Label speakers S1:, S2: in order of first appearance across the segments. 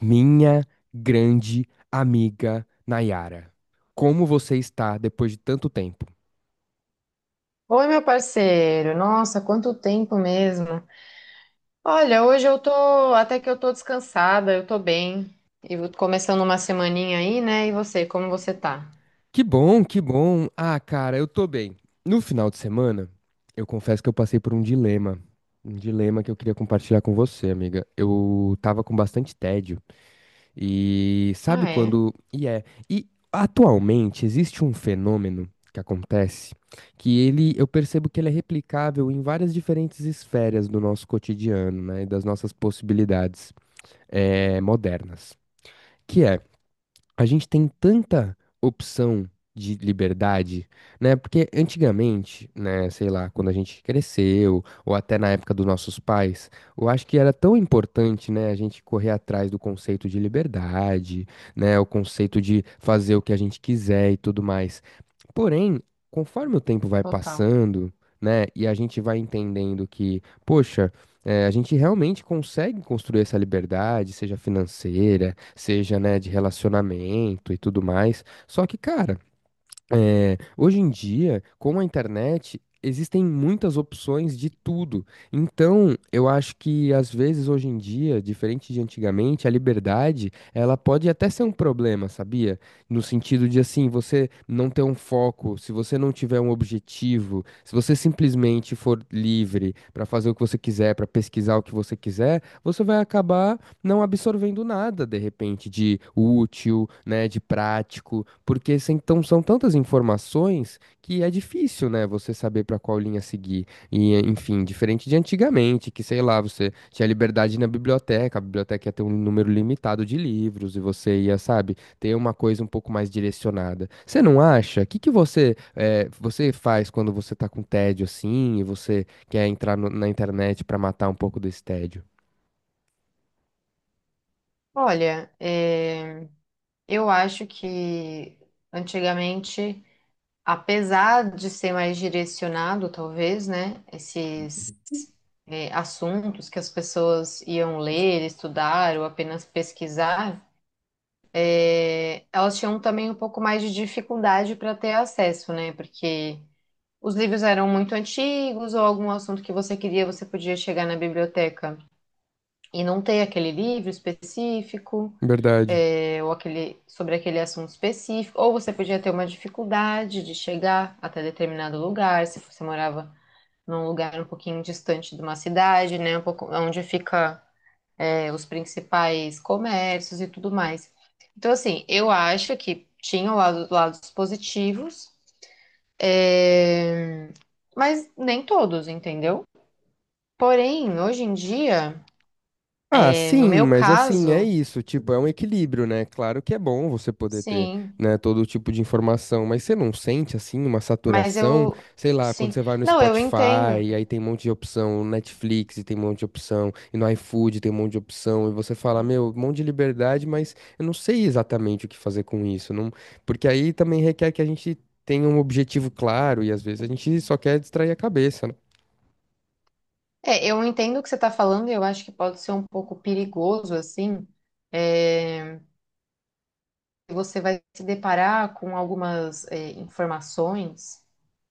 S1: Minha grande amiga Nayara, como você está depois de tanto tempo?
S2: Oi, meu parceiro. Nossa, quanto tempo mesmo. Olha, hoje eu tô, até que eu tô descansada, eu tô bem. E começando uma semaninha aí, né? E você, como você tá?
S1: Que bom, que bom. Ah, cara, eu tô bem. No final de semana, eu confesso que eu passei por um dilema. Um dilema que eu queria compartilhar com você, amiga. Eu tava com bastante tédio. E sabe
S2: Ah, é?
S1: quando. E é. E atualmente existe um fenômeno que acontece eu percebo que ele é replicável em várias diferentes esferas do nosso cotidiano, né? E das nossas possibilidades modernas. Que é a gente tem tanta opção de liberdade, né? Porque antigamente, né, sei lá, quando a gente cresceu, ou até na época dos nossos pais, eu acho que era tão importante, né, a gente correr atrás do conceito de liberdade, né, o conceito de fazer o que a gente quiser e tudo mais. Porém, conforme o tempo vai
S2: Total.
S1: passando, né, e a gente vai entendendo que, poxa, a gente realmente consegue construir essa liberdade, seja financeira, seja, né, de relacionamento e tudo mais. Só que, cara, é, hoje em dia, com a internet, existem muitas opções de tudo. Então, eu acho que às vezes hoje em dia, diferente de antigamente, a liberdade, ela pode até ser um problema, sabia? No sentido de assim, você não ter um foco, se você não tiver um objetivo, se você simplesmente for livre para fazer o que você quiser, para pesquisar o que você quiser, você vai acabar não absorvendo nada, de repente, de útil, né, de prático, porque então, são tantas informações que é difícil, né, você saber para qual linha seguir. E, enfim, diferente de antigamente, que, sei lá, você tinha liberdade na biblioteca, a biblioteca ia ter um número limitado de livros e você ia, sabe, ter uma coisa um pouco mais direcionada. Você não acha? O que que você faz quando você tá com tédio assim e você quer entrar na internet para matar um pouco desse tédio?
S2: Olha, eu acho que antigamente, apesar de ser mais direcionado, talvez, né? Esses assuntos que as pessoas iam ler, estudar ou apenas pesquisar. É, elas tinham também um pouco mais de dificuldade para ter acesso, né? Porque os livros eram muito antigos, ou algum assunto que você queria, você podia chegar na biblioteca e não ter aquele livro específico,
S1: Verdade.
S2: ou aquele, sobre aquele assunto específico, ou você podia ter uma dificuldade de chegar até determinado lugar, se você morava num lugar um pouquinho distante de uma cidade, né? Um pouco onde fica os principais comércios e tudo mais. Então, assim, eu acho que tinham lados positivos, é, mas nem todos, entendeu? Porém, hoje em dia,
S1: Ah,
S2: é,
S1: sim,
S2: no meu
S1: mas assim, é
S2: caso,
S1: isso, tipo, é um equilíbrio, né? Claro que é bom você poder ter,
S2: sim,
S1: né, todo tipo de informação, mas você não sente, assim, uma
S2: mas
S1: saturação?
S2: eu,
S1: Sei lá, quando
S2: sim,
S1: você vai no
S2: não, eu entendo.
S1: Spotify, e aí tem um monte de opção, no Netflix e tem um monte de opção, e no iFood tem um monte de opção, e você fala, meu, um monte de liberdade, mas eu não sei exatamente o que fazer com isso, não. Porque aí também requer que a gente tenha um objetivo claro, e às vezes a gente só quer distrair a cabeça, né?
S2: É, eu entendo o que você está falando e eu acho que pode ser um pouco perigoso, assim, é, você vai se deparar com algumas informações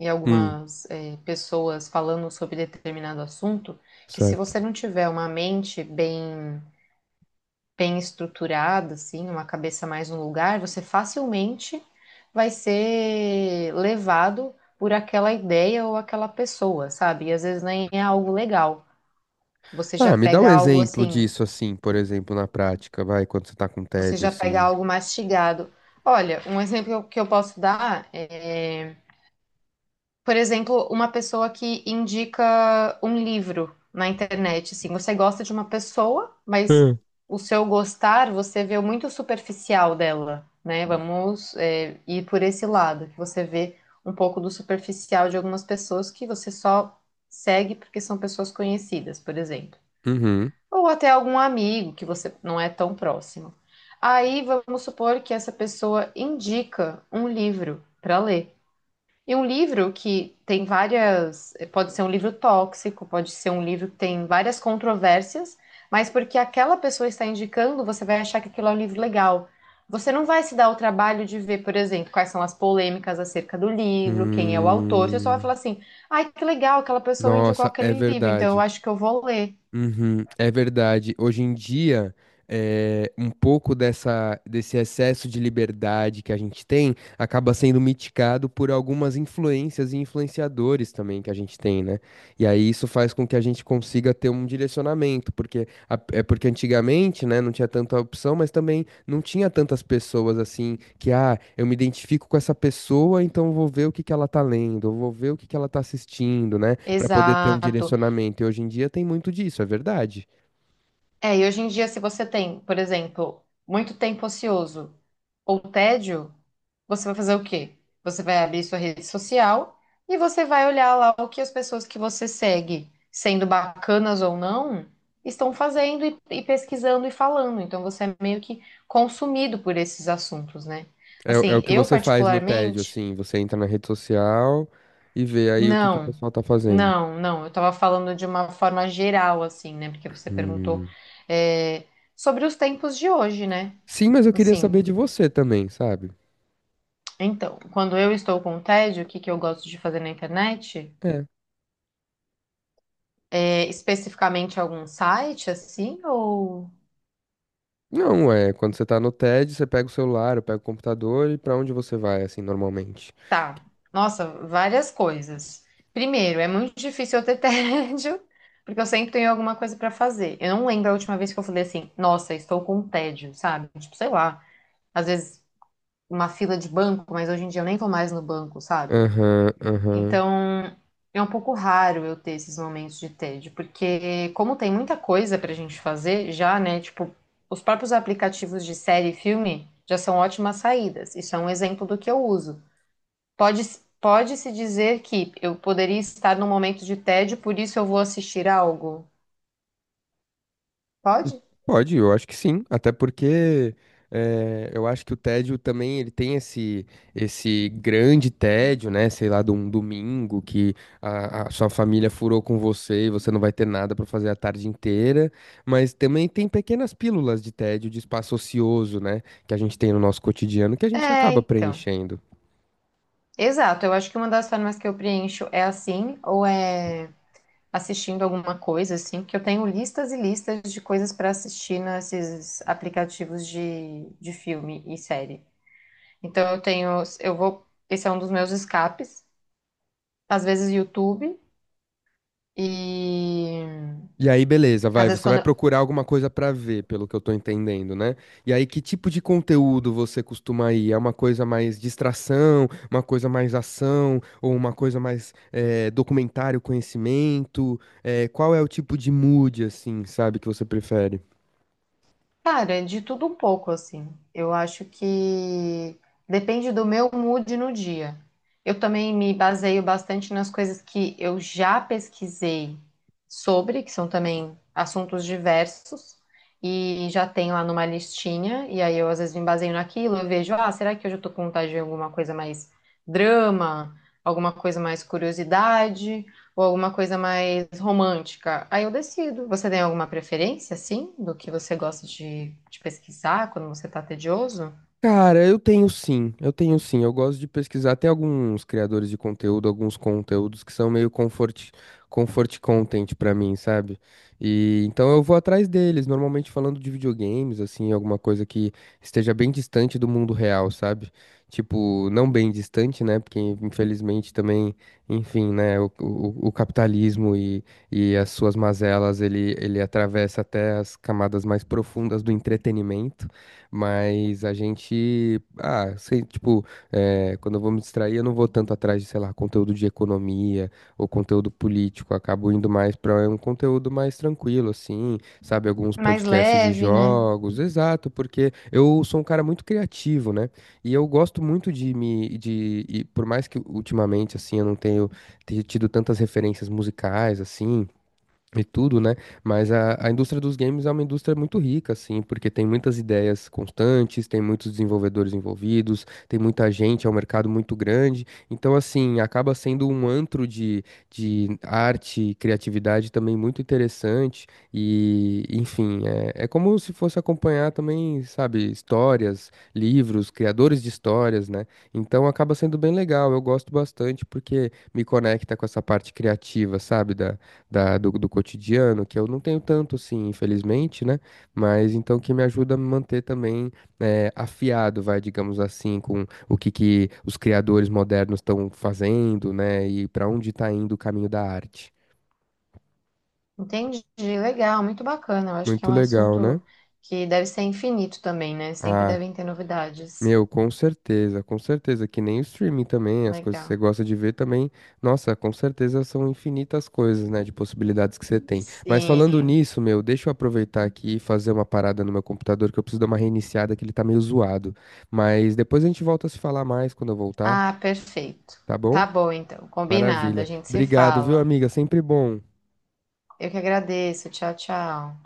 S2: e
S1: Hum,
S2: algumas pessoas falando sobre determinado assunto, que se
S1: certo.
S2: você não tiver bem estruturada, assim, uma cabeça mais no lugar, você facilmente vai ser levado por aquela ideia ou aquela pessoa, sabe? E às vezes nem é algo legal. Você já
S1: Ah, me dá um
S2: pega algo
S1: exemplo
S2: assim,
S1: disso, assim, por exemplo, na prática, vai, quando você tá com
S2: você
S1: tédio,
S2: já pega
S1: assim.
S2: algo mastigado. Olha, um exemplo que eu posso dar é por exemplo, uma pessoa que indica um livro na internet, assim, você gosta de uma pessoa, mas
S1: Hum.
S2: o seu gostar você vê muito superficial dela, né? Vamos, ir por esse lado, que você vê um pouco do superficial de algumas pessoas que você só segue porque são pessoas conhecidas, por exemplo.
S1: Uhum.
S2: Ou até algum amigo que você não é tão próximo. Aí vamos supor que essa pessoa indica um livro para ler. E um livro que tem várias, pode ser um livro tóxico, pode ser um livro que tem várias controvérsias, mas porque aquela pessoa está indicando, você vai achar que aquilo é um livro legal. Você não vai se dar o trabalho de ver, por exemplo, quais são as polêmicas acerca do livro, quem é o autor. Você só vai
S1: Hum.
S2: falar assim: ai, que legal, aquela pessoa indicou
S1: Nossa, é
S2: aquele livro, então eu
S1: verdade.
S2: acho que eu vou ler.
S1: Uhum, é verdade. Hoje em dia, é, um pouco desse excesso de liberdade que a gente tem acaba sendo mitigado por algumas influências e influenciadores também que a gente tem, né? E aí isso faz com que a gente consiga ter um direcionamento, porque é porque antigamente, né, não tinha tanta opção, mas também não tinha tantas pessoas assim que, ah, eu me identifico com essa pessoa, então eu vou ver o que que ela tá lendo, eu vou ver o que que ela tá assistindo, né? Pra poder ter um
S2: Exato.
S1: direcionamento. E hoje em dia tem muito disso, é verdade.
S2: É, e hoje em dia, se você tem, por exemplo, muito tempo ocioso ou tédio, você vai fazer o quê? Você vai abrir sua rede social e você vai olhar lá o que as pessoas que você segue, sendo bacanas ou não, estão fazendo e pesquisando e falando. Então você é meio que consumido por esses assuntos, né?
S1: É, é o
S2: Assim,
S1: que
S2: eu
S1: você faz no tédio,
S2: particularmente.
S1: assim, você entra na rede social e vê aí o que que o
S2: Não,
S1: pessoal tá fazendo.
S2: não, não. Eu estava falando de uma forma geral, assim, né? Porque você perguntou,
S1: Hum.
S2: é, sobre os tempos de hoje, né?
S1: Sim, mas eu queria saber
S2: Assim,
S1: de você também, sabe?
S2: então, quando eu estou com tédio, o que que eu gosto de fazer na internet?
S1: É.
S2: É, especificamente algum site, assim, ou...
S1: Não, é, quando você tá no tédio, você pega o celular, eu pego o computador e pra onde você vai, assim, normalmente?
S2: Tá, nossa, várias coisas. Primeiro, é muito difícil eu ter tédio, porque eu sempre tenho alguma coisa para fazer. Eu não lembro a última vez que eu falei assim, nossa, estou com tédio, sabe? Tipo, sei lá. Às vezes uma fila de banco, mas hoje em dia eu nem vou mais no banco, sabe?
S1: Aham, aham.
S2: Então, é um pouco raro eu ter esses momentos de tédio, porque como tem muita coisa pra gente fazer já, né? Tipo, os próprios aplicativos de série e filme já são ótimas saídas. Isso é um exemplo do que eu uso. Pode, pode-se dizer que eu poderia estar num momento de tédio, por isso eu vou assistir algo. Pode?
S1: Pode, eu acho que sim, até porque eu acho que o tédio também ele tem esse grande tédio, né? Sei lá, de um domingo que a sua família furou com você e você não vai ter nada para fazer a tarde inteira, mas também tem pequenas pílulas de tédio, de espaço ocioso, né? Que a gente tem no nosso cotidiano que a gente
S2: É,
S1: acaba
S2: então.
S1: preenchendo.
S2: Exato, eu acho que uma das formas que eu preencho é assim, ou é assistindo alguma coisa, assim, porque eu tenho listas e listas de coisas para assistir nesses aplicativos de filme e série. Então eu tenho, eu vou, esse é um dos meus escapes, às vezes YouTube e
S1: E aí, beleza,
S2: às
S1: vai,
S2: vezes
S1: você vai
S2: quando
S1: procurar alguma coisa pra ver, pelo que eu tô entendendo, né? E aí, que tipo de conteúdo você costuma ir? É uma coisa mais distração, uma coisa mais ação, ou uma coisa mais documentário, conhecimento? Qual é o tipo de mood, assim, sabe, que você prefere?
S2: Cara, é de tudo um pouco, assim. Eu acho que depende do meu mood no dia. Eu também me baseio bastante nas coisas que eu já pesquisei sobre, que são também assuntos diversos, e já tenho lá numa listinha, e aí eu às vezes me baseio naquilo, eu vejo, ah, será que hoje eu tô com vontade de alguma coisa mais drama, alguma coisa mais curiosidade? Ou alguma coisa mais romântica. Aí eu decido. Você tem alguma preferência, assim, do que você gosta de pesquisar quando você tá tedioso?
S1: Cara, eu tenho sim, eu tenho sim. Eu gosto de pesquisar até alguns criadores de conteúdo, alguns conteúdos que são meio comfort, comfort content pra mim, sabe? E então eu vou atrás deles, normalmente falando de videogames, assim, alguma coisa que esteja bem distante do mundo real, sabe? Tipo, não bem distante, né? Porque infelizmente também, enfim, né? O capitalismo e as suas mazelas, ele atravessa até as camadas mais profundas do entretenimento. Mas a gente, ah, sei, tipo, quando eu vou me distrair, eu não vou tanto atrás de, sei lá, conteúdo de economia ou conteúdo político. Eu acabo indo mais para um conteúdo mais tranquilo, assim, sabe? Alguns
S2: Mais
S1: podcasts de
S2: leve, né?
S1: jogos, exato, porque eu sou um cara muito criativo, né? E eu gosto muito de e por mais que ultimamente, assim, eu não tenho ter tido tantas referências musicais, assim e tudo, né? Mas a indústria dos games é uma indústria muito rica, assim, porque tem muitas ideias constantes, tem muitos desenvolvedores envolvidos, tem muita gente, é um mercado muito grande. Então, assim, acaba sendo um antro de arte e criatividade também muito interessante. E, enfim, é, é como se fosse acompanhar também, sabe, histórias, livros, criadores de histórias, né? Então, acaba sendo bem legal. Eu gosto bastante porque me conecta com essa parte criativa, sabe? do cotidiano, que eu não tenho tanto assim, infelizmente, né? Mas então que me ajuda a me manter também afiado, vai, digamos assim, com o que, que os criadores modernos estão fazendo, né? E para onde está indo o caminho da arte.
S2: Entendi. Legal, muito bacana. Eu acho que é
S1: Muito
S2: um
S1: legal, né?
S2: assunto que deve ser infinito também, né? Sempre
S1: Ah,
S2: devem ter novidades.
S1: meu, com certeza, que nem o streaming também, as coisas que você
S2: Legal.
S1: gosta de ver também, nossa, com certeza são infinitas coisas, né, de possibilidades que você tem. Mas falando
S2: Sim.
S1: nisso, meu, deixa eu aproveitar aqui e fazer uma parada no meu computador, que eu preciso dar uma reiniciada, que ele tá meio zoado. Mas depois a gente volta a se falar mais quando eu voltar,
S2: Ah, perfeito.
S1: tá bom?
S2: Tá bom, então. Combinado. A
S1: Maravilha.
S2: gente se
S1: Obrigado, viu,
S2: fala.
S1: amiga? Sempre bom.
S2: Eu que agradeço. Tchau, tchau.